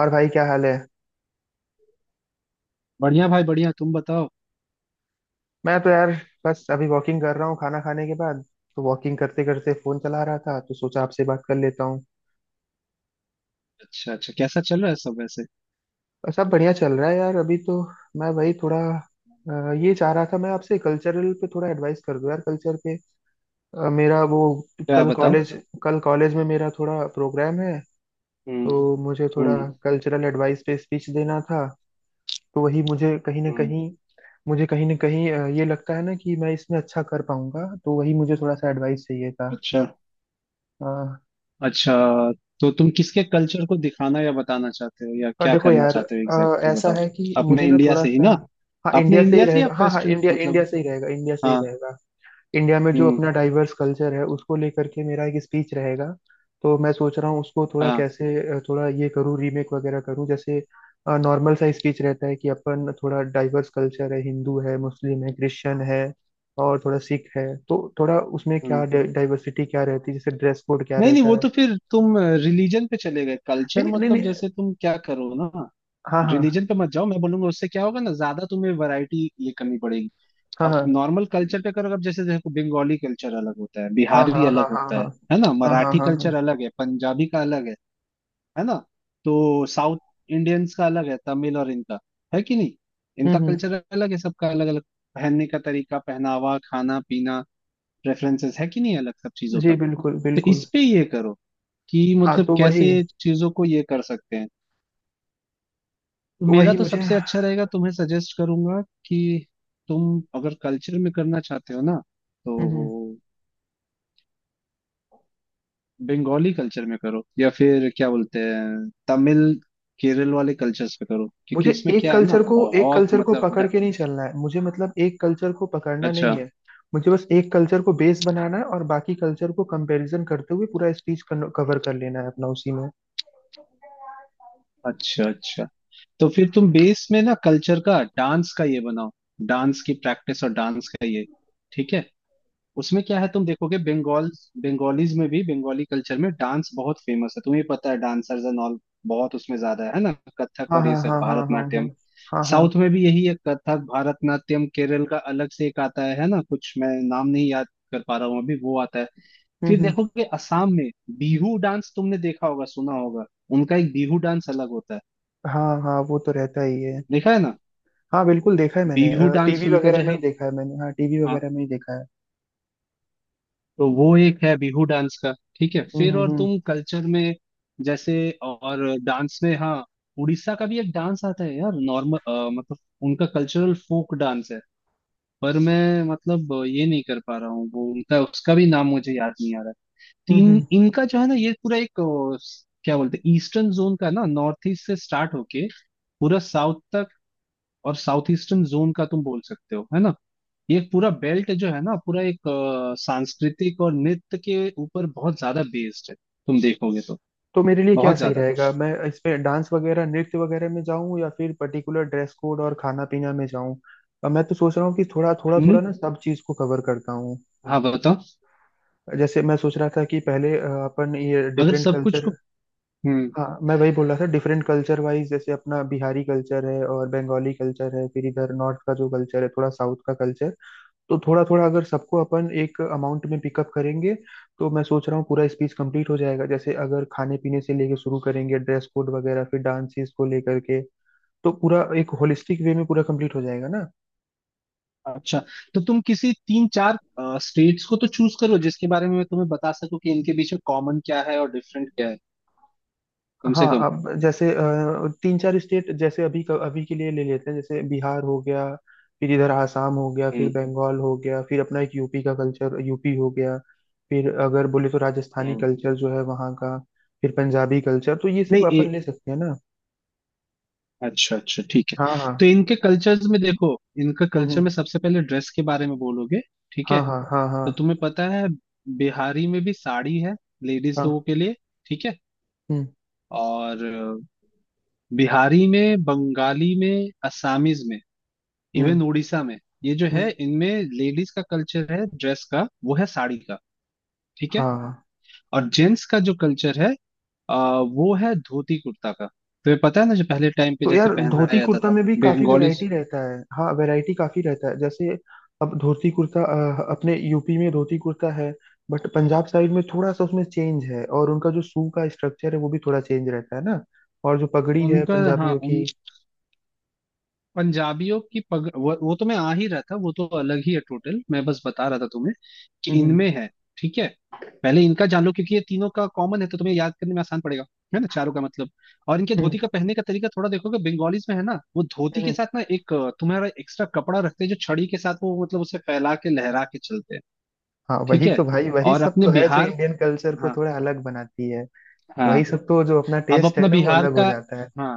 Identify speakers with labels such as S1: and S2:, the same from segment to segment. S1: और भाई क्या हाल है?
S2: बढ़िया भाई बढ़िया, तुम बताओ।
S1: मैं तो यार बस अभी वॉकिंग कर रहा हूँ खाना खाने के बाद। तो वॉकिंग करते करते फोन चला रहा था तो सोचा आपसे बात कर लेता हूँ।
S2: अच्छा अच्छा, कैसा चल रहा है सब वैसे?
S1: और सब बढ़िया चल रहा है यार अभी तो। मैं वही थोड़ा ये चाह रहा था मैं आपसे कल्चरल पे थोड़ा एडवाइस कर दो यार कल्चर पे। मेरा वो
S2: क्या
S1: कल
S2: बताओ।
S1: कॉलेज कल कॉलेज में मेरा थोड़ा प्रोग्राम है।
S2: हम्म।
S1: तो मुझे थोड़ा
S2: हम्म।
S1: कल्चरल एडवाइस पे स्पीच देना था। तो वही
S2: हम्म।
S1: मुझे कहीं ना कहीं ये लगता है ना कि मैं इसमें अच्छा कर पाऊंगा तो वही मुझे थोड़ा सा एडवाइस चाहिए
S2: अच्छा
S1: था।
S2: अच्छा। तो तुम किसके कल्चर को दिखाना या बताना चाहते हो, या क्या
S1: देखो
S2: करना
S1: यार,
S2: चाहते हो एग्जैक्टली exactly
S1: ऐसा
S2: बताओ।
S1: है कि
S2: अपने
S1: मुझे ना
S2: इंडिया
S1: थोड़ा
S2: से ही
S1: सा।
S2: ना?
S1: हाँ, इंडिया
S2: अपने
S1: से ही
S2: इंडिया से या
S1: रहेगा, हाँ हाँ,
S2: वेस्टर्न
S1: इंडिया
S2: मतलब?
S1: इंडिया से ही रहेगा, इंडिया से ही
S2: हाँ।
S1: रहेगा। इंडिया में जो
S2: हम्म।
S1: अपना डाइवर्स कल्चर है उसको लेकर के मेरा एक स्पीच रहेगा। तो मैं सोच रहा हूँ उसको थोड़ा
S2: हाँ।
S1: कैसे थोड़ा ये करूँ, रीमेक वगैरह करूँ। जैसे नॉर्मल सा स्पीच रहता है कि अपन थोड़ा डाइवर्स कल्चर है, हिंदू है, मुस्लिम है, क्रिश्चियन है और थोड़ा सिख है, तो थोड़ा उसमें क्या
S2: हम्म।
S1: डाइवर्सिटी क्या रहती है, जैसे ड्रेस कोड क्या
S2: नहीं नहीं, वो
S1: रहता है।
S2: तो फिर तुम रिलीजन पे चले गए।
S1: नहीं
S2: कल्चर
S1: नहीं नहीं
S2: मतलब
S1: नहीं,
S2: जैसे तुम क्या करो ना,
S1: हाँ हाँ
S2: रिलीजन पे मत जाओ, मैं बोलूंगा। उससे क्या होगा ना, ज्यादा तुम्हें वैरायटी ये करनी पड़ेगी।
S1: हाँ
S2: और
S1: हाँ
S2: नॉर्मल कल्चर पे करो। अब जैसे देखो, बंगाली कल्चर अलग होता है,
S1: हाँ हाँ
S2: बिहारी अलग
S1: हाँ हाँ
S2: होता है।
S1: हाँ
S2: है ना?
S1: हाँ हाँ
S2: मराठी
S1: हाँ हाँ।
S2: कल्चर अलग है, पंजाबी का अलग है। है ना? तो साउथ इंडियंस का अलग है, तमिल और इनका। है कि नहीं?
S1: हम्म
S2: इनका
S1: हम्म,
S2: कल्चर अलग है, सबका अलग अलग। पहनने का तरीका, पहनावा, खाना पीना, प्रेफरेंसेस, है कि नहीं अलग सब चीजों
S1: जी
S2: का?
S1: बिल्कुल
S2: तो
S1: बिल्कुल।
S2: इस पे ये करो कि मतलब
S1: तो वही।
S2: कैसे चीजों को ये कर सकते हैं। तो
S1: तो
S2: मेरा
S1: वही
S2: तो
S1: मुझे।
S2: सबसे अच्छा रहेगा, तुम्हें सजेस्ट करूंगा कि तुम अगर कल्चर में करना चाहते हो ना,
S1: हम्म,
S2: तो बंगाली कल्चर में करो, या फिर क्या बोलते हैं तमिल, केरल वाले कल्चर्स पे करो, क्योंकि इसमें क्या है ना,
S1: एक
S2: बहुत
S1: कल्चर को
S2: मतलब
S1: पकड़
S2: ड-।
S1: के नहीं चलना है, मुझे मतलब एक कल्चर को पकड़ना
S2: अच्छा
S1: नहीं है। मुझे बस एक कल्चर को बेस बनाना है और बाकी कल्चर को कंपैरिजन करते हुए पूरा स्पीच कवर कर लेना है अपना उसी में।
S2: अच्छा अच्छा। तो फिर तुम बेस में ना कल्चर का डांस का ये बनाओ। डांस की प्रैक्टिस और डांस का ये। ठीक है। उसमें क्या है, तुम देखोगे बंगाल, बंगालीज में भी, बंगाली कल्चर में डांस बहुत फेमस है। तुम्हें पता है डांसर्स एंड ऑल बहुत उसमें ज्यादा है ना। कथक
S1: हाँ
S2: और ये
S1: हाँ
S2: सब,
S1: हाँ हाँ हाँ हाँ
S2: भारतनाट्यम।
S1: हाँ हाँ।
S2: साउथ में भी यही है, कथक, भारतनाट्यम। केरल का अलग से एक आता है ना, कुछ, मैं नाम नहीं याद कर पा रहा हूँ अभी, वो आता है।
S1: हम्म
S2: फिर
S1: हम्म,
S2: देखोगे असम में, बिहू डांस, तुमने देखा होगा, सुना होगा। उनका एक बिहू डांस अलग होता है।
S1: हाँ हाँ, वो तो रहता ही है।
S2: देखा है ना?
S1: हाँ बिल्कुल, देखा है मैंने।
S2: बिहू
S1: टीवी
S2: डांस उनका
S1: वगैरह
S2: जो
S1: में ही देखा है मैंने हाँ टीवी
S2: है।
S1: वगैरह में ही देखा है।
S2: तो वो एक है, बिहू डांस का। ठीक है।
S1: हम्म
S2: फिर
S1: हम्म
S2: और
S1: हम्म
S2: तुम कल्चर में, जैसे, और डांस में, हाँ, उड़ीसा का भी एक डांस आता है यार, नॉर्मल, मतलब उनका कल्चरल फोक डांस है। पर मैं मतलब ये नहीं कर पा रहा हूँ, वो उनका, उसका भी नाम मुझे याद नहीं आ रहा है। तीन
S1: हम्म,
S2: इनका जो है ना, ये पूरा एक क्या बोलते हैं, ईस्टर्न जोन का ना, नॉर्थ ईस्ट से स्टार्ट होके पूरा साउथ तक, और साउथ ईस्टर्न जोन का तुम बोल सकते हो, है ना। ये पूरा बेल्ट जो है ना, पूरा एक सांस्कृतिक और नृत्य के ऊपर बहुत ज्यादा बेस्ड है। तुम देखोगे तो
S1: तो मेरे लिए क्या
S2: बहुत
S1: सही
S2: ज्यादा
S1: रहेगा? मैं इसमें डांस वगैरह नृत्य वगैरह में जाऊं या फिर पर्टिकुलर ड्रेस कोड और खाना पीना में जाऊं? मैं तो सोच रहा हूँ कि थोड़ा थोड़ा थोड़ा
S2: नृत्य।
S1: ना सब चीज को कवर करता हूँ।
S2: हाँ बताओ।
S1: जैसे मैं सोच रहा था कि पहले अपन ये
S2: अगर
S1: डिफरेंट
S2: सब कुछ
S1: कल्चर।
S2: को। हम्म।
S1: हाँ, मैं वही बोल रहा था, डिफरेंट कल्चर वाइज जैसे अपना बिहारी कल्चर है और बंगाली कल्चर है, फिर इधर नॉर्थ का जो कल्चर है, थोड़ा साउथ का कल्चर। तो थोड़ा थोड़ा अगर सबको अपन एक अमाउंट में पिकअप करेंगे। तो मैं सोच रहा हूँ पूरा स्पीच कंप्लीट हो जाएगा, जैसे अगर खाने पीने से लेके शुरू करेंगे, ड्रेस कोड वगैरह, फिर डांसेस को लेकर के। तो पूरा एक होलिस्टिक वे में पूरा कंप्लीट हो जाएगा ना।
S2: अच्छा। तो तुम किसी तीन चार स्टेट्स को तो चूज करो, जिसके बारे में मैं तुम्हें बता सकूं कि इनके बीच में कॉमन क्या है और डिफरेंट क्या है, कम
S1: हाँ,
S2: से कम।
S1: अब जैसे तीन चार स्टेट, जैसे अभी के लिए ले लेते हैं जैसे बिहार हो गया। फिर इधर आसाम हो गया, फिर
S2: हम्म।
S1: बंगाल हो गया, फिर अपना एक यूपी का कल्चर, यूपी हो गया। फिर अगर बोले तो राजस्थानी
S2: हम्म।
S1: कल्चर जो है वहाँ का। फिर पंजाबी कल्चर, तो ये सब
S2: नहीं
S1: अपन
S2: ए,।
S1: ले सकते हैं ना।
S2: अच्छा अच्छा ठीक है।
S1: हाँ हाँ।
S2: तो इनके कल्चर्स में देखो, इनका कल्चर
S1: हम्म।
S2: में सबसे पहले ड्रेस के बारे में बोलोगे। ठीक
S1: हाँ
S2: है।
S1: हाँ हाँ हाँ
S2: तो तुम्हें पता है, बिहारी में भी साड़ी है, लेडीज
S1: हाँ।
S2: लोगों के लिए। ठीक है।
S1: हम्म
S2: और बिहारी में, बंगाली में, असमीज में,
S1: हम्म
S2: इवन उड़ीसा में, ये जो है
S1: हम्म,
S2: इनमें, लेडीज का कल्चर है ड्रेस का, वो है साड़ी का। ठीक है।
S1: हाँ हाँ।
S2: और जेंट्स का जो कल्चर है, अ, वो है धोती कुर्ता का। तुम्हें पता है ना, जो पहले टाइम पे
S1: तो
S2: जैसे
S1: यार धोती
S2: पहनाया जाता
S1: कुर्ता
S2: था।
S1: में भी काफी
S2: बंगालीज,
S1: वैरायटी रहता है, हाँ वैरायटी काफी रहता है। जैसे अब धोती कुर्ता, अपने यूपी में धोती कुर्ता है। बट पंजाब साइड में थोड़ा सा उसमें चेंज है और उनका जो सू का स्ट्रक्चर है वो भी थोड़ा चेंज रहता है ना। और जो पगड़ी है
S2: उनका, हाँ,
S1: पंजाबियों की।
S2: उन, पंजाबियों की पग, वो तो मैं आ ही रहा था, वो तो अलग ही है टोटल। मैं बस बता रहा था तुम्हें कि
S1: हम्म
S2: इनमें है। ठीक है। पहले इनका जान लो, क्योंकि ये तीनों का कॉमन है, तो तुम्हें याद करने में आसान पड़ेगा। है ना, चारों का मतलब। और इनके
S1: हम्म
S2: धोती का पहनने का तरीका थोड़ा देखोगे, बंगालीज में है ना, वो धोती के
S1: हम्म,
S2: साथ ना एक तुम्हारा एक्स्ट्रा कपड़ा रखते हैं, जो छड़ी के साथ वो मतलब उसे फैला के लहरा के चलते हैं।
S1: हाँ
S2: ठीक
S1: वही
S2: है।
S1: तो भाई, वही
S2: और
S1: सब
S2: अपने
S1: तो है जो
S2: बिहार,
S1: इंडियन कल्चर को
S2: हाँ,
S1: थोड़ा अलग बनाती है। वही
S2: हाँ।
S1: सब तो, जो अपना
S2: अब
S1: टेस्ट
S2: अपना
S1: है ना, वो
S2: बिहार
S1: अलग हो
S2: का,
S1: जाता है।
S2: हाँ,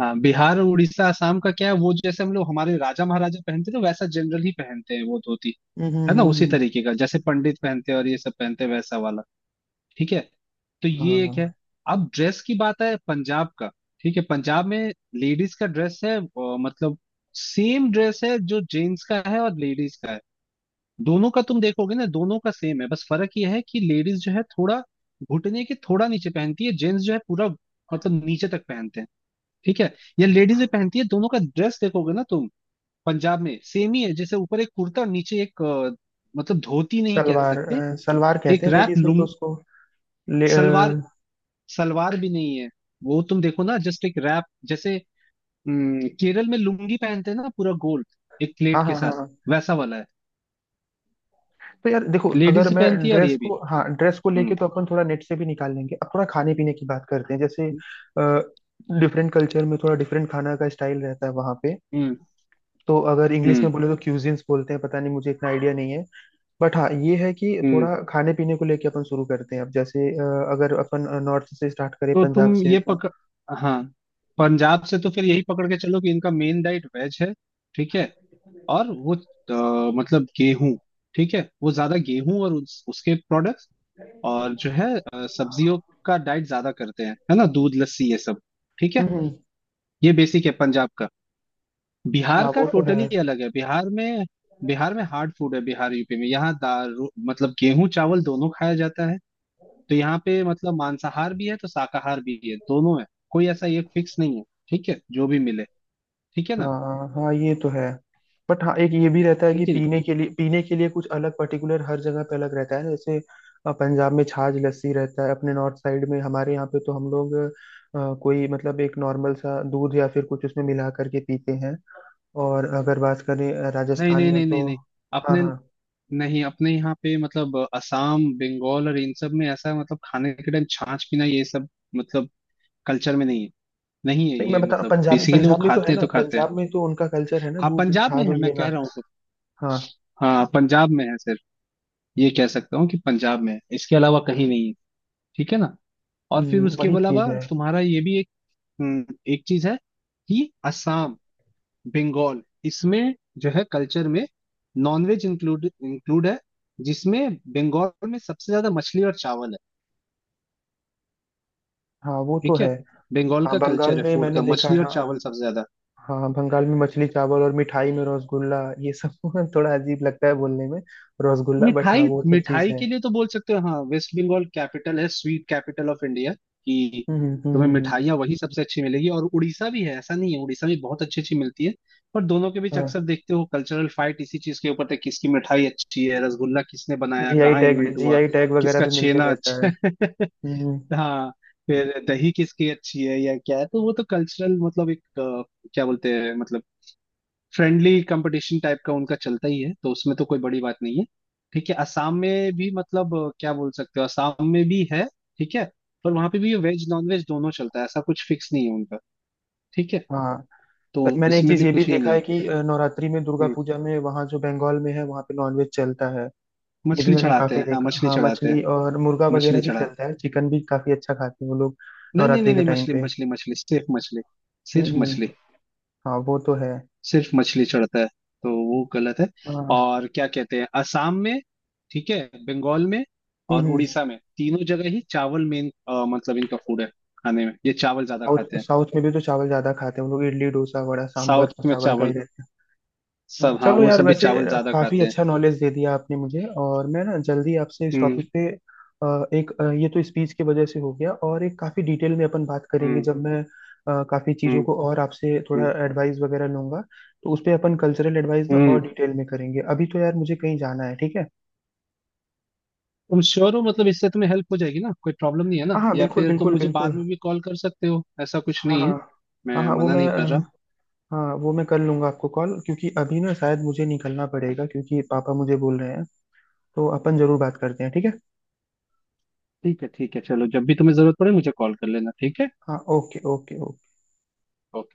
S2: हाँ, बिहार और उड़ीसा, असम का क्या है, वो जैसे हम लोग हमारे राजा महाराजा पहनते थे, वैसा जनरल ही पहनते हैं वो धोती।
S1: हम्म हम्म
S2: है ना,
S1: हम्म,
S2: उसी
S1: हम्म,
S2: तरीके का जैसे पंडित पहनते हैं और ये सब पहनते हैं, वैसा वाला। ठीक है। तो ये एक है।
S1: हाँ
S2: अब ड्रेस की बात है पंजाब का। ठीक है। पंजाब में लेडीज का ड्रेस है, मतलब सेम ड्रेस है जो जेंट्स का है और लेडीज का है। दोनों का तुम देखोगे ना, दोनों का सेम है, बस फर्क ये है कि लेडीज जो है थोड़ा घुटने के थोड़ा नीचे पहनती है, जेंट्स जो है पूरा मतलब नीचे तक पहनते हैं। ठीक है। ये लेडीजें पहनती है। दोनों का ड्रेस देखोगे ना तुम, पंजाब में सेम ही है, जैसे ऊपर एक कुर्ता और नीचे एक मतलब धोती नहीं कह सकते,
S1: सलवार कहते
S2: एक
S1: हैं
S2: रैप,
S1: लेडीज में तो
S2: लुंग,
S1: उसको। ले
S2: सलवार।
S1: अ,
S2: सलवार भी नहीं है, वो तुम देखो ना, जस्ट एक रैप, जैसे केरल में लुंगी पहनते हैं ना पूरा गोल एक प्लेट
S1: हाँ
S2: के
S1: हाँ हाँ
S2: साथ,
S1: हाँ।
S2: वैसा वाला है।
S1: तो यार देखो, अगर
S2: लेडीज
S1: मैं
S2: पहनती है और
S1: ड्रेस
S2: ये भी।
S1: को हाँ ड्रेस को लेके
S2: हम्म।
S1: तो अपन थोड़ा नेट से भी निकाल लेंगे। अब थोड़ा खाने पीने की बात करते हैं, जैसे डिफरेंट कल्चर में थोड़ा डिफरेंट खाना का स्टाइल रहता है वहाँ पे।
S2: हम्म।
S1: तो अगर इंग्लिश में
S2: हम्म।
S1: बोले तो क्यूजिन्स बोलते हैं, पता नहीं, मुझे इतना आइडिया नहीं है। बट हाँ ये है कि
S2: हम्म।
S1: थोड़ा खाने पीने को लेके अपन शुरू करते हैं, अब जैसे अगर अपन नॉर्थ से स्टार्ट करें
S2: तो
S1: पंजाब
S2: तुम
S1: से
S2: ये
S1: तो।
S2: पकड़, हाँ, पंजाब से तो फिर यही पकड़ के चलो कि इनका मेन डाइट वेज है। ठीक है। और वो मतलब गेहूं, ठीक है, वो ज्यादा गेहूं और उसके प्रोडक्ट्स और जो है सब्जियों का डाइट ज्यादा करते हैं। है ना, दूध, लस्सी, ये सब। ठीक
S1: हम्म
S2: है।
S1: हम्म,
S2: ये बेसिक है पंजाब का। बिहार
S1: हाँ
S2: का
S1: वो तो है।
S2: टोटली अलग है। बिहार में, बिहार में हार्ड फूड है। बिहार, यूपी में यहाँ मतलब गेहूं चावल दोनों खाया जाता है। तो यहाँ पे मतलब मांसाहार भी है तो शाकाहार भी है, दोनों है। कोई ऐसा ये फिक्स नहीं है। ठीक है, जो भी मिले। ठीक है ना।
S1: हाँ हाँ ये तो है। बट हाँ एक ये भी रहता है
S2: है
S1: कि
S2: कि
S1: पीने के लिए कुछ अलग पर्टिकुलर हर जगह पे अलग रहता है ना, जैसे पंजाब में छाछ लस्सी रहता है। अपने नॉर्थ साइड में हमारे यहाँ पे तो हम लोग कोई मतलब एक नॉर्मल सा दूध या फिर कुछ उसमें मिला करके पीते हैं। और अगर बात करें
S2: नहीं।
S1: राजस्थान
S2: नहीं
S1: में
S2: नहीं नहीं नहीं
S1: तो।
S2: नहीं
S1: हाँ
S2: अपने,
S1: हाँ।
S2: नहीं अपने यहाँ पे मतलब असम, बंगाल और इन सब में ऐसा मतलब खाने के टाइम छाछ पीना ये सब मतलब कल्चर में नहीं है। नहीं है
S1: नहीं, मैं
S2: ये,
S1: बता रहा हूँ,
S2: मतलब बेसिकली वो
S1: पंजाब में तो है
S2: खाते हैं
S1: ना,
S2: तो खाते हैं।
S1: पंजाब में तो उनका कल्चर है ना,
S2: हाँ
S1: दूध
S2: पंजाब में
S1: छाछ
S2: है
S1: उछ
S2: मैं कह
S1: लेना।
S2: रहा हूँ तो।
S1: हाँ।
S2: हाँ पंजाब में है सिर्फ, ये कह सकता हूँ कि पंजाब में है, इसके अलावा कहीं नहीं है। ठीक है ना। और फिर उसके
S1: वही
S2: अलावा
S1: चीज है।
S2: तुम्हारा ये भी एक एक चीज है कि असम, बंगाल, इसमें जो है कल्चर में, नॉनवेज इंक्लूड, इंक्लूड है। जिसमें बंगाल में सबसे ज्यादा मछली और चावल है।
S1: हाँ वो तो
S2: ठीक है।
S1: है।
S2: बंगाल
S1: हाँ,
S2: का कल्चर
S1: बंगाल
S2: है
S1: में
S2: फूड
S1: मैंने
S2: का,
S1: देखा
S2: मछली
S1: है,
S2: और
S1: हाँ।
S2: चावल सबसे ज्यादा।
S1: हाँ, बंगाल में मछली चावल, और मिठाई में रसगुल्ला, ये सब थोड़ा अजीब लगता है बोलने में, रसगुल्ला, बट हाँ
S2: मिठाई,
S1: वो सब चीज
S2: मिठाई
S1: है।
S2: के लिए तो बोल सकते हो, हाँ, वेस्ट बंगाल कैपिटल है, स्वीट कैपिटल ऑफ इंडिया कि
S1: हम्म हम्म हम्म
S2: तुम्हें
S1: हम्म, हम्म,
S2: मिठाइयाँ वही सबसे अच्छी मिलेगी। और उड़ीसा भी है, ऐसा नहीं है, उड़ीसा में बहुत अच्छी अच्छी मिलती है। पर दोनों के बीच
S1: हाँ
S2: अक्सर देखते हो कल्चरल फाइट इसी चीज के ऊपर है, किसकी मिठाई अच्छी है, रसगुल्ला किसने बनाया, कहाँ इन्वेंट हुआ,
S1: जीआई टैग वगैरह
S2: किसका
S1: भी मिलते
S2: छेना
S1: रहता
S2: अच्छा
S1: है।
S2: है।
S1: हम्म हम्म,
S2: हाँ। फिर दही किसकी अच्छी है, या क्या है, तो वो तो कल्चरल मतलब एक क्या बोलते हैं, मतलब फ्रेंडली कंपटीशन टाइप का उनका चलता ही है, तो उसमें तो कोई बड़ी बात नहीं है। ठीक है। असम में भी मतलब क्या बोल सकते हो, असम में भी है। ठीक है। पर वहां पे भी वेज, नॉन वेज दोनों चलता है, ऐसा कुछ फिक्स नहीं है उनका। ठीक है।
S1: हाँ
S2: तो
S1: पर मैंने एक
S2: इसमें
S1: चीज
S2: भी
S1: ये भी
S2: कुछ ये
S1: देखा
S2: नहीं है।
S1: है कि नवरात्रि में, दुर्गा
S2: हम्म।
S1: पूजा में, वहाँ जो बंगाल में है वहाँ पे नॉनवेज चलता है। ये भी
S2: मछली
S1: मैंने
S2: चढ़ाते
S1: काफी
S2: हैं, हाँ
S1: देखा,
S2: मछली
S1: हाँ
S2: चढ़ाते हैं।
S1: मछली और मुर्गा वगैरह
S2: मछली
S1: भी
S2: चढ़ाए,
S1: चलता है, चिकन भी काफी अच्छा खाते हैं वो लोग।
S2: नहीं नहीं
S1: नवरात्रि
S2: नहीं
S1: के
S2: नहीं,
S1: टाइम
S2: मछली,
S1: पे।
S2: मछली, मछली, सिर्फ मछली। सिर्फ
S1: हम्म हम्म,
S2: मछली।
S1: हाँ वो तो है।
S2: सिर्फ मछली चढ़ता है, तो वो गलत है।
S1: हाँ
S2: और क्या कहते हैं, असम में, ठीक है, बंगाल में
S1: हम्म
S2: और
S1: हम्म।
S2: उड़ीसा में तीनों जगह ही चावल मेन मतलब इनका फूड है। खाने में ये चावल ज्यादा
S1: साउथ
S2: खाते हैं।
S1: साउथ में भी तो चावल ज्यादा खाते हैं उन लोग, इडली डोसा वड़ा सांभर
S2: साउथ
S1: तो
S2: में
S1: चावल का ही
S2: चावल,
S1: रहता है। हाँ,
S2: सब, हाँ
S1: चलो
S2: वो
S1: यार,
S2: सब भी
S1: वैसे
S2: चावल ज्यादा
S1: काफी
S2: खाते हैं।
S1: अच्छा नॉलेज दे दिया आपने मुझे, और मैं ना जल्दी आपसे इस
S2: हम्म।
S1: टॉपिक पे एक ये तो स्पीच की वजह से हो गया, और एक काफी डिटेल में अपन बात करेंगे
S2: हम्म।
S1: जब मैं काफी चीजों
S2: हम्म।
S1: को और आपसे थोड़ा
S2: हम्म।
S1: एडवाइस वगैरह लूंगा। तो उस पे अपन कल्चरल एडवाइस ना
S2: हम्म।
S1: और डिटेल में करेंगे। अभी तो यार मुझे कहीं जाना है, ठीक है।
S2: तुम श्योर हो मतलब इससे तुम्हें हेल्प हो जाएगी ना, कोई प्रॉब्लम नहीं है ना?
S1: हाँ हाँ
S2: या
S1: बिल्कुल
S2: फिर तुम
S1: बिल्कुल
S2: मुझे बाद
S1: बिल्कुल।
S2: में भी कॉल कर सकते हो, ऐसा कुछ
S1: हाँ
S2: नहीं है,
S1: हाँ। हाँ
S2: मैं
S1: हाँ वो
S2: मना
S1: मैं
S2: नहीं कर रहा।
S1: अ, हाँ वो मैं कर लूंगा आपको कॉल, क्योंकि अभी ना शायद मुझे निकलना पड़ेगा क्योंकि पापा मुझे बोल रहे हैं। तो अपन जरूर बात करते हैं, ठीक है।
S2: ठीक है ठीक है, चलो, जब भी तुम्हें जरूरत पड़े मुझे कॉल कर लेना। ठीक है।
S1: हाँ ओके ओके ओके।
S2: ओके।